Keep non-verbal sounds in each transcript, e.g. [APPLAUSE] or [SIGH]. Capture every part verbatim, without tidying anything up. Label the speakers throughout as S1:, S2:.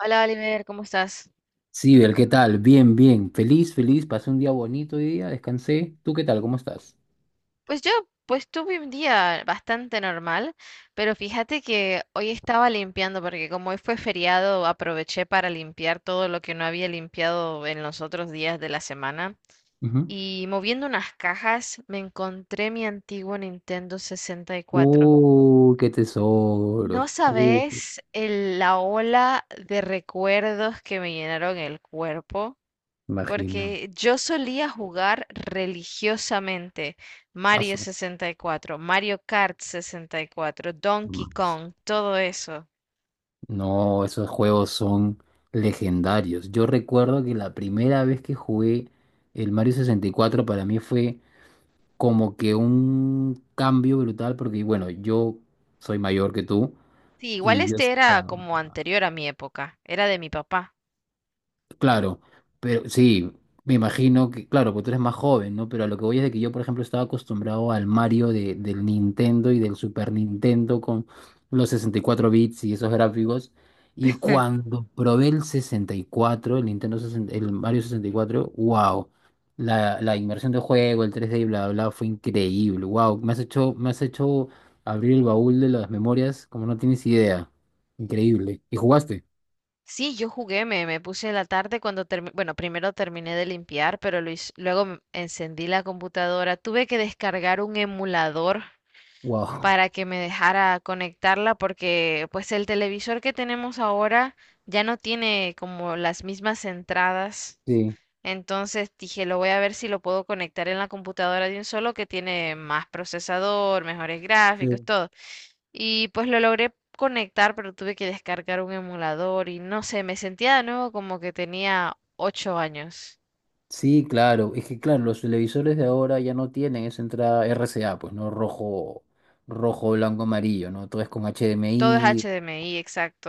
S1: Hola Oliver, ¿cómo estás?
S2: Sí, Bel, ¿qué tal? Bien, bien. Feliz, feliz. Pasé un día bonito hoy día, descansé. ¿Tú qué tal? ¿Cómo estás?
S1: Pues yo, pues tuve un día bastante normal, pero fíjate que hoy estaba limpiando porque como hoy fue feriado, aproveché para limpiar todo lo que no había limpiado en los otros días de la semana.
S2: Ujú.
S1: Y moviendo unas cajas, me encontré mi antiguo Nintendo sesenta y cuatro.
S2: Uh, qué
S1: No
S2: tesoro. Uh,
S1: sabes el- la ola de recuerdos que me llenaron el cuerpo.
S2: imagino.
S1: Porque yo solía jugar religiosamente Mario
S2: Asu.
S1: sesenta y cuatro, Mario Kart sesenta y cuatro,
S2: Mm.
S1: Donkey Kong, todo eso.
S2: No, esos juegos son legendarios. Yo recuerdo que la primera vez que jugué el Mario sesenta y cuatro para mí fue como que un cambio brutal porque, bueno, yo soy mayor que tú
S1: Sí, igual
S2: y yo
S1: este era
S2: estaba...
S1: como anterior a mi época, era de mi papá.
S2: Claro, pero sí, me imagino que, claro, porque tú eres más joven, ¿no? Pero a lo que voy es de que yo, por ejemplo, estaba acostumbrado al Mario de, del Nintendo y del Super Nintendo con los sesenta y cuatro bits y esos gráficos. Y
S1: [LAUGHS]
S2: cuando probé el sesenta y cuatro, el Nintendo sesenta, el Mario sesenta y cuatro, wow, la, la inmersión de juego, el tres d y bla, bla, bla, fue increíble, wow, me has hecho, me has hecho abrir el baúl de las memorias como no tienes idea, increíble. ¿Y jugaste?
S1: Sí, yo jugué, me, me puse en la tarde cuando terminé, bueno, primero terminé de limpiar, pero lo hice- luego m- encendí la computadora, tuve que descargar un emulador
S2: Wow,
S1: para que me dejara conectarla porque pues el televisor que tenemos ahora ya no tiene como las mismas entradas.
S2: sí.
S1: Entonces dije, lo voy a ver si lo puedo conectar en la computadora de un solo que tiene más procesador, mejores gráficos,
S2: Sí.
S1: todo. Y pues lo logré conectar, pero tuve que descargar un emulador y no sé, me sentía de nuevo como que tenía ocho años.
S2: Sí, claro. Es que claro, los televisores de ahora ya no tienen esa entrada R C A, pues, ¿no? Rojo, rojo, blanco, amarillo, ¿no? Todo es con
S1: Todo es
S2: H D M I.
S1: H D M I,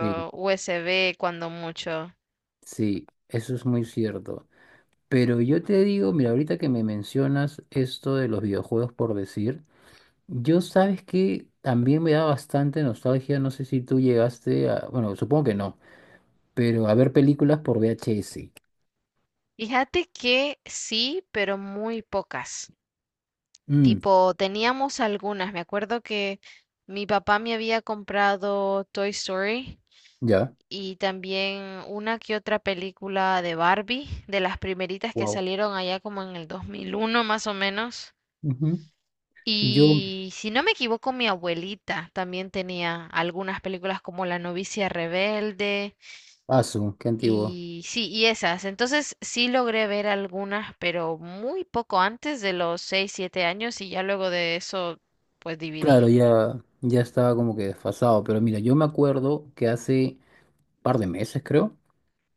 S2: Sí,
S1: U S B cuando mucho.
S2: sí, eso es muy cierto. Pero yo te digo, mira, ahorita que me mencionas esto de los videojuegos por decir, yo sabes que también me da bastante nostalgia, no sé si tú llegaste a, bueno, supongo que no, pero a ver películas por V H S.
S1: Fíjate que sí, pero muy pocas.
S2: Mm,
S1: Tipo, teníamos algunas. Me acuerdo que mi papá me había comprado Toy Story
S2: ya.
S1: y también una que otra película de Barbie, de las primeritas que
S2: Wow.
S1: salieron allá como en el dos mil uno más o menos.
S2: Ujú. Yo,
S1: Y si no me equivoco, mi abuelita también tenía algunas películas como La novicia rebelde.
S2: asu, qué antiguo.
S1: Y sí, y esas. Entonces sí logré ver algunas, pero muy poco antes de los seis siete años y ya luego de eso, pues
S2: Claro,
S1: dividí.
S2: ya, ya estaba como que desfasado, pero mira, yo me acuerdo que hace par de meses, creo,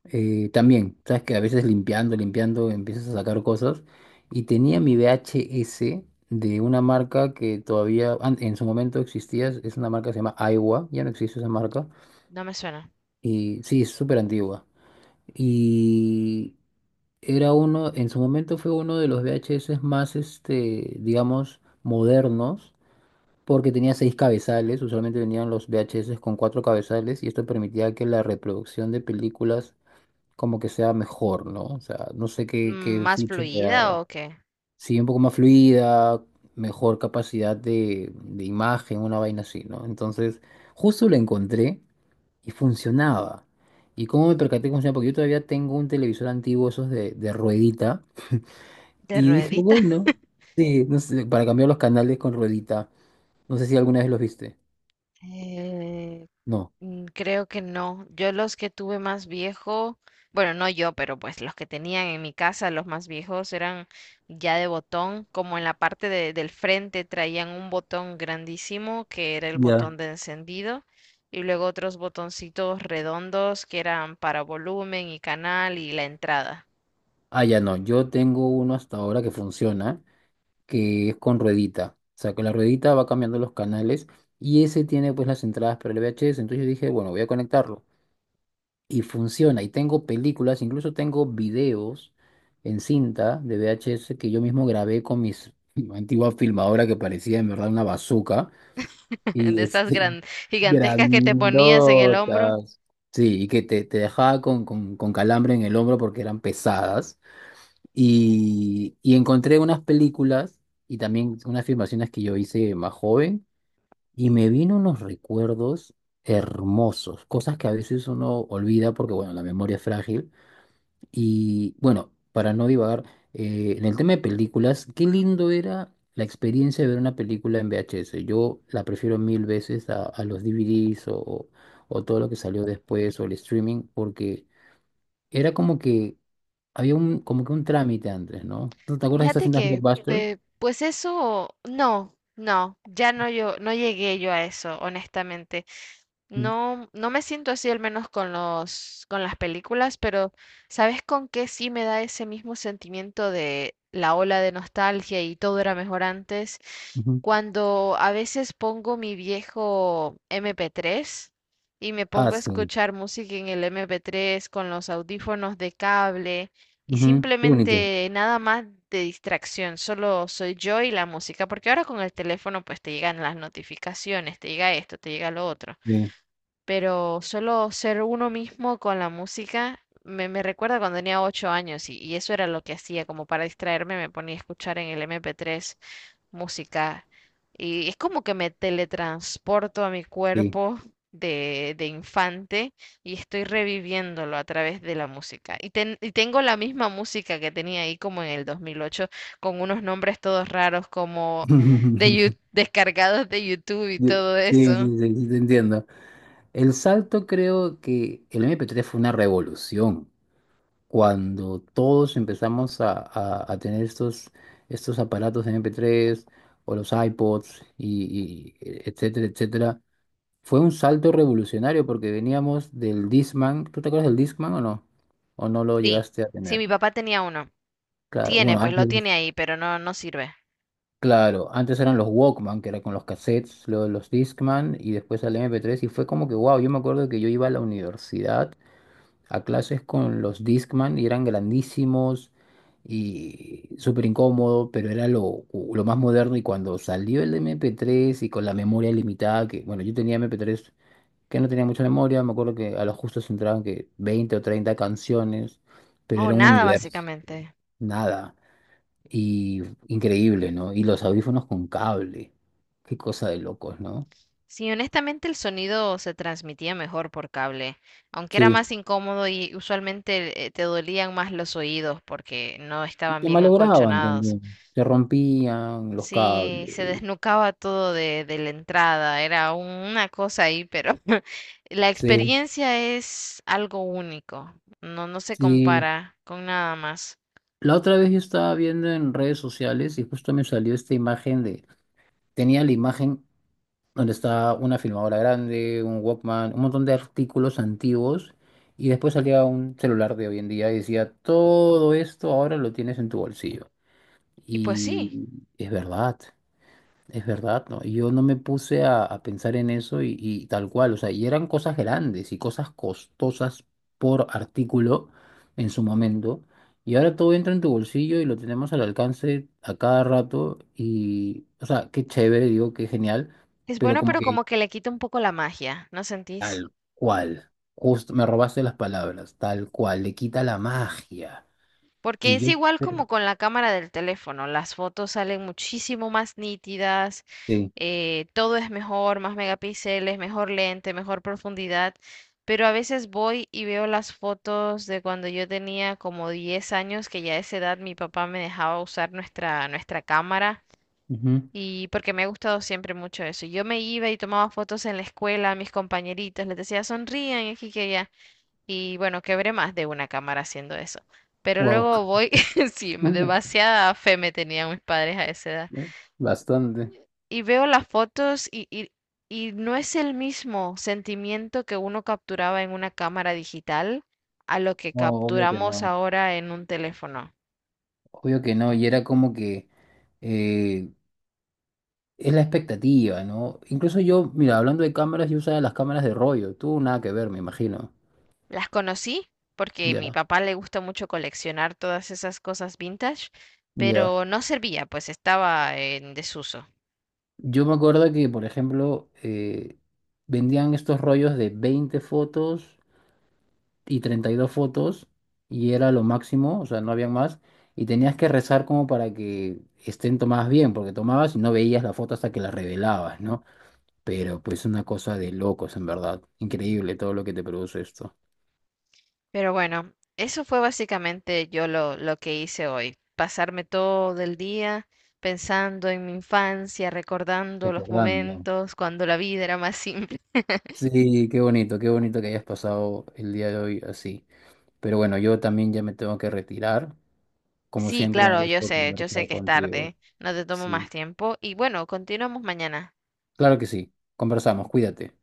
S2: eh, también, sabes que a veces limpiando, limpiando, empiezas a sacar cosas, y tenía mi V H S de una marca que todavía an- en su momento existía, es es una marca que se llama Aiwa, ya no existe esa marca,
S1: No me suena.
S2: y sí, es súper antigua, y era uno, en su momento fue uno de los V H S más, este, digamos, modernos porque tenía seis cabezales, usualmente venían los V H S con cuatro cabezales y esto permitía que la reproducción de películas como que sea mejor, ¿no? O sea, no sé qué,
S1: Mm,
S2: qué
S1: ¿Más
S2: feature le
S1: fluida
S2: daba.
S1: o qué?
S2: Sí, un poco más fluida, mejor capacidad de, de imagen, una vaina así, ¿no? Entonces, justo la encontré y funcionaba. ¿Y cómo me percaté que funcionaba? Porque yo todavía tengo un televisor antiguo, esos de, de ruedita,
S1: ¿De
S2: y dije,
S1: ruedita?
S2: bueno,
S1: [LAUGHS]
S2: sí, no sé, para cambiar los canales con ruedita. No sé si alguna vez los viste.
S1: Eh,
S2: No.
S1: Mm, Creo que no. Yo los que tuve más viejo, bueno, no yo, pero pues los que tenían en mi casa, los más viejos eran ya de botón, como en la parte de- del frente traían un botón grandísimo que era el
S2: Ya.
S1: botón de encendido y luego otros botoncitos redondos que eran para volumen y canal y la entrada.
S2: Ah, ya no. Yo tengo uno hasta ahora que funciona, que es con ruedita. O sea, que la ruedita va cambiando los canales y ese tiene pues las entradas para el V H S. Entonces yo dije, bueno, voy a conectarlo. Y funciona. Y tengo películas, incluso tengo videos en cinta de V H S que yo mismo grabé con mis [LAUGHS] antigua filmadora que parecía en verdad una bazooka.
S1: [LAUGHS] De
S2: Y
S1: esas
S2: este,
S1: gran,
S2: [LAUGHS]
S1: gigantescas que te ponías en el hombro.
S2: grandotas. Sí, y que te, te dejaba con, con, con calambre en el hombro porque eran pesadas. Y, y encontré unas películas y también unas filmaciones que yo hice más joven y me vino unos recuerdos hermosos, cosas que a veces uno olvida porque, bueno, la memoria es frágil. Y bueno, para no divagar, eh, en el tema de películas, qué lindo era la experiencia de ver una película en V H S. Yo la prefiero mil veces a, a los D V Ds o, o todo lo que salió después o el streaming porque era como que había un, como que un trámite antes, ¿no? ¿Tú te acuerdas de estas
S1: Fíjate
S2: cintas
S1: que,
S2: Blockbuster?
S1: pe- pues eso, no, no, ya no yo, no llegué yo a eso, honestamente.
S2: Mm,
S1: No, no me siento así al menos con los, con las películas, pero ¿sabes con qué sí me da ese mismo sentimiento de la ola de nostalgia y todo era mejor antes?
S2: ujú.
S1: Cuando a veces pongo mi viejo M P tres y me
S2: Ah,
S1: pongo a
S2: sí.
S1: escuchar música en el M P tres con los audífonos de cable y
S2: Ujú, qué bonito.
S1: simplemente nada más de distracción, solo soy yo y la música, porque ahora con el teléfono pues te llegan las notificaciones, te llega esto, te llega lo otro,
S2: Sí,
S1: pero solo ser uno mismo con la música me, me recuerda cuando tenía ocho años y, y eso era lo que hacía. Como para distraerme me ponía a escuchar en el M P tres música y es como que me teletransporto a mi
S2: sí.
S1: cuerpo de, de infante y estoy reviviéndolo a través de la música. Y, ten- y tengo la misma música que tenía ahí como en el dos mil ocho, con unos nombres todos raros como de, Yu-
S2: [LAUGHS]
S1: descargados de YouTube y
S2: Sí,
S1: todo
S2: sí,
S1: eso.
S2: sí, sí, sí, te entiendo. El salto creo que el M P tres fue una revolución. Cuando todos empezamos a, a- a tener estos, estos aparatos de M P tres o los iPods, y, y- etcétera, etcétera. Fue un salto revolucionario porque veníamos del Discman. ¿Tú te acuerdas del Discman o no? ¿O no lo
S1: Sí,
S2: llegaste a
S1: sí,
S2: tener?
S1: mi papá tenía uno.
S2: Claro,
S1: Tiene,
S2: bueno,
S1: pues lo
S2: antes,
S1: tiene ahí, pero no, no sirve.
S2: claro, antes eran los Walkman, que era con los cassettes, luego los Discman y después al M P tres y fue como que, wow, yo me acuerdo que yo iba a la universidad a clases con los Discman y eran grandísimos y súper incómodo, pero era lo, lo más moderno y cuando salió el M P tres y con la memoria limitada, que bueno, yo tenía M P tres que no tenía mucha memoria, me acuerdo que a lo justo se entraban que veinte o treinta canciones, pero
S1: O
S2: era un
S1: nada,
S2: universo,
S1: básicamente.
S2: nada, y increíble, ¿no? Y los audífonos con cable, qué cosa de locos, ¿no?
S1: Sí, honestamente el sonido se transmitía mejor por cable, aunque era
S2: Sí,
S1: más incómodo y usualmente eh, te dolían más los oídos porque no
S2: y
S1: estaban
S2: se
S1: bien
S2: malograban
S1: acolchonados.
S2: también, se rompían los cables,
S1: Sí, se desnucaba todo de, de la entrada, era un- una cosa ahí, pero [LAUGHS] la
S2: sí,
S1: experiencia es algo único, no, no se
S2: sí.
S1: compara con nada más.
S2: La otra vez yo estaba viendo en redes sociales y justo me salió esta imagen de, tenía la imagen donde está una filmadora grande, un Walkman, un montón de artículos antiguos, y después salía un celular de hoy en día y decía, todo esto ahora lo tienes en tu bolsillo.
S1: Y pues sí.
S2: Y es verdad, es verdad, ¿no? Y yo no me puse a, a pensar en eso y, y tal cual, o sea, y eran cosas grandes y cosas costosas por artículo en su momento. Y ahora todo entra en tu bolsillo y lo tenemos al alcance a cada rato y, o sea, qué chévere, digo, qué genial,
S1: Es
S2: pero
S1: bueno,
S2: como
S1: pero
S2: que
S1: como que le quita un poco la magia, ¿no sentís?
S2: Tal cual. Justo me robaste las palabras. Tal cual. Le quita la magia.
S1: Porque
S2: Y
S1: es
S2: yo
S1: igual
S2: creo
S1: como con la cámara del teléfono, las fotos salen muchísimo más nítidas,
S2: que
S1: eh, todo es mejor, más megapíxeles, mejor lente, mejor profundidad, pero a veces voy y veo las fotos de cuando yo tenía como diez años, que ya a esa edad mi papá me dejaba usar nuestra, nuestra cámara. Y porque me ha gustado siempre mucho eso. Yo me iba y tomaba fotos en la escuela a mis compañeritos, les decía sonrían aquí que allá. Y bueno, quebré más de una cámara haciendo eso. Pero
S2: wow.
S1: luego voy, [LAUGHS] sí,
S2: [LAUGHS]
S1: demasiada fe me tenían mis padres a esa edad.
S2: Bastante.
S1: Y veo las fotos y, y, y no es el mismo sentimiento que uno capturaba en una cámara digital a lo que
S2: No, obvio que
S1: capturamos
S2: no.
S1: ahora en un teléfono.
S2: Obvio que no. Y era como que eh, es la expectativa, ¿no? Incluso yo, mira, hablando de cámaras, yo usaba las cámaras de rollo. Tú nada que ver, me imagino.
S1: Las conocí porque mi
S2: Ya,
S1: papá le gusta mucho coleccionar todas esas cosas vintage,
S2: ya.
S1: pero no servía, pues estaba en desuso.
S2: Yo me acuerdo que, por ejemplo, eh, vendían estos rollos de veinte fotos y treinta y dos fotos y era lo máximo, o sea, no habían más. Y tenías que rezar como para que estén tomadas bien, porque tomabas y no veías la foto hasta que la revelabas, ¿no? Pero pues una cosa de locos, en verdad. Increíble todo lo que te produce esto.
S1: Pero bueno, eso fue básicamente yo lo, lo que hice hoy, pasarme todo el día pensando en mi infancia, recordando los
S2: Recordando.
S1: momentos cuando la vida era más [LAUGHS] simple.
S2: Sí, qué bonito, qué bonito que hayas pasado el día de hoy así. Pero bueno, yo también ya me tengo que retirar. Como
S1: Sí,
S2: siempre, un
S1: claro, yo
S2: gusto
S1: sé, yo sé
S2: conversar
S1: que es
S2: contigo.
S1: tarde, no te tomo más
S2: Sí,
S1: tiempo y bueno, continuamos mañana.
S2: claro que sí. Conversamos, cuídate.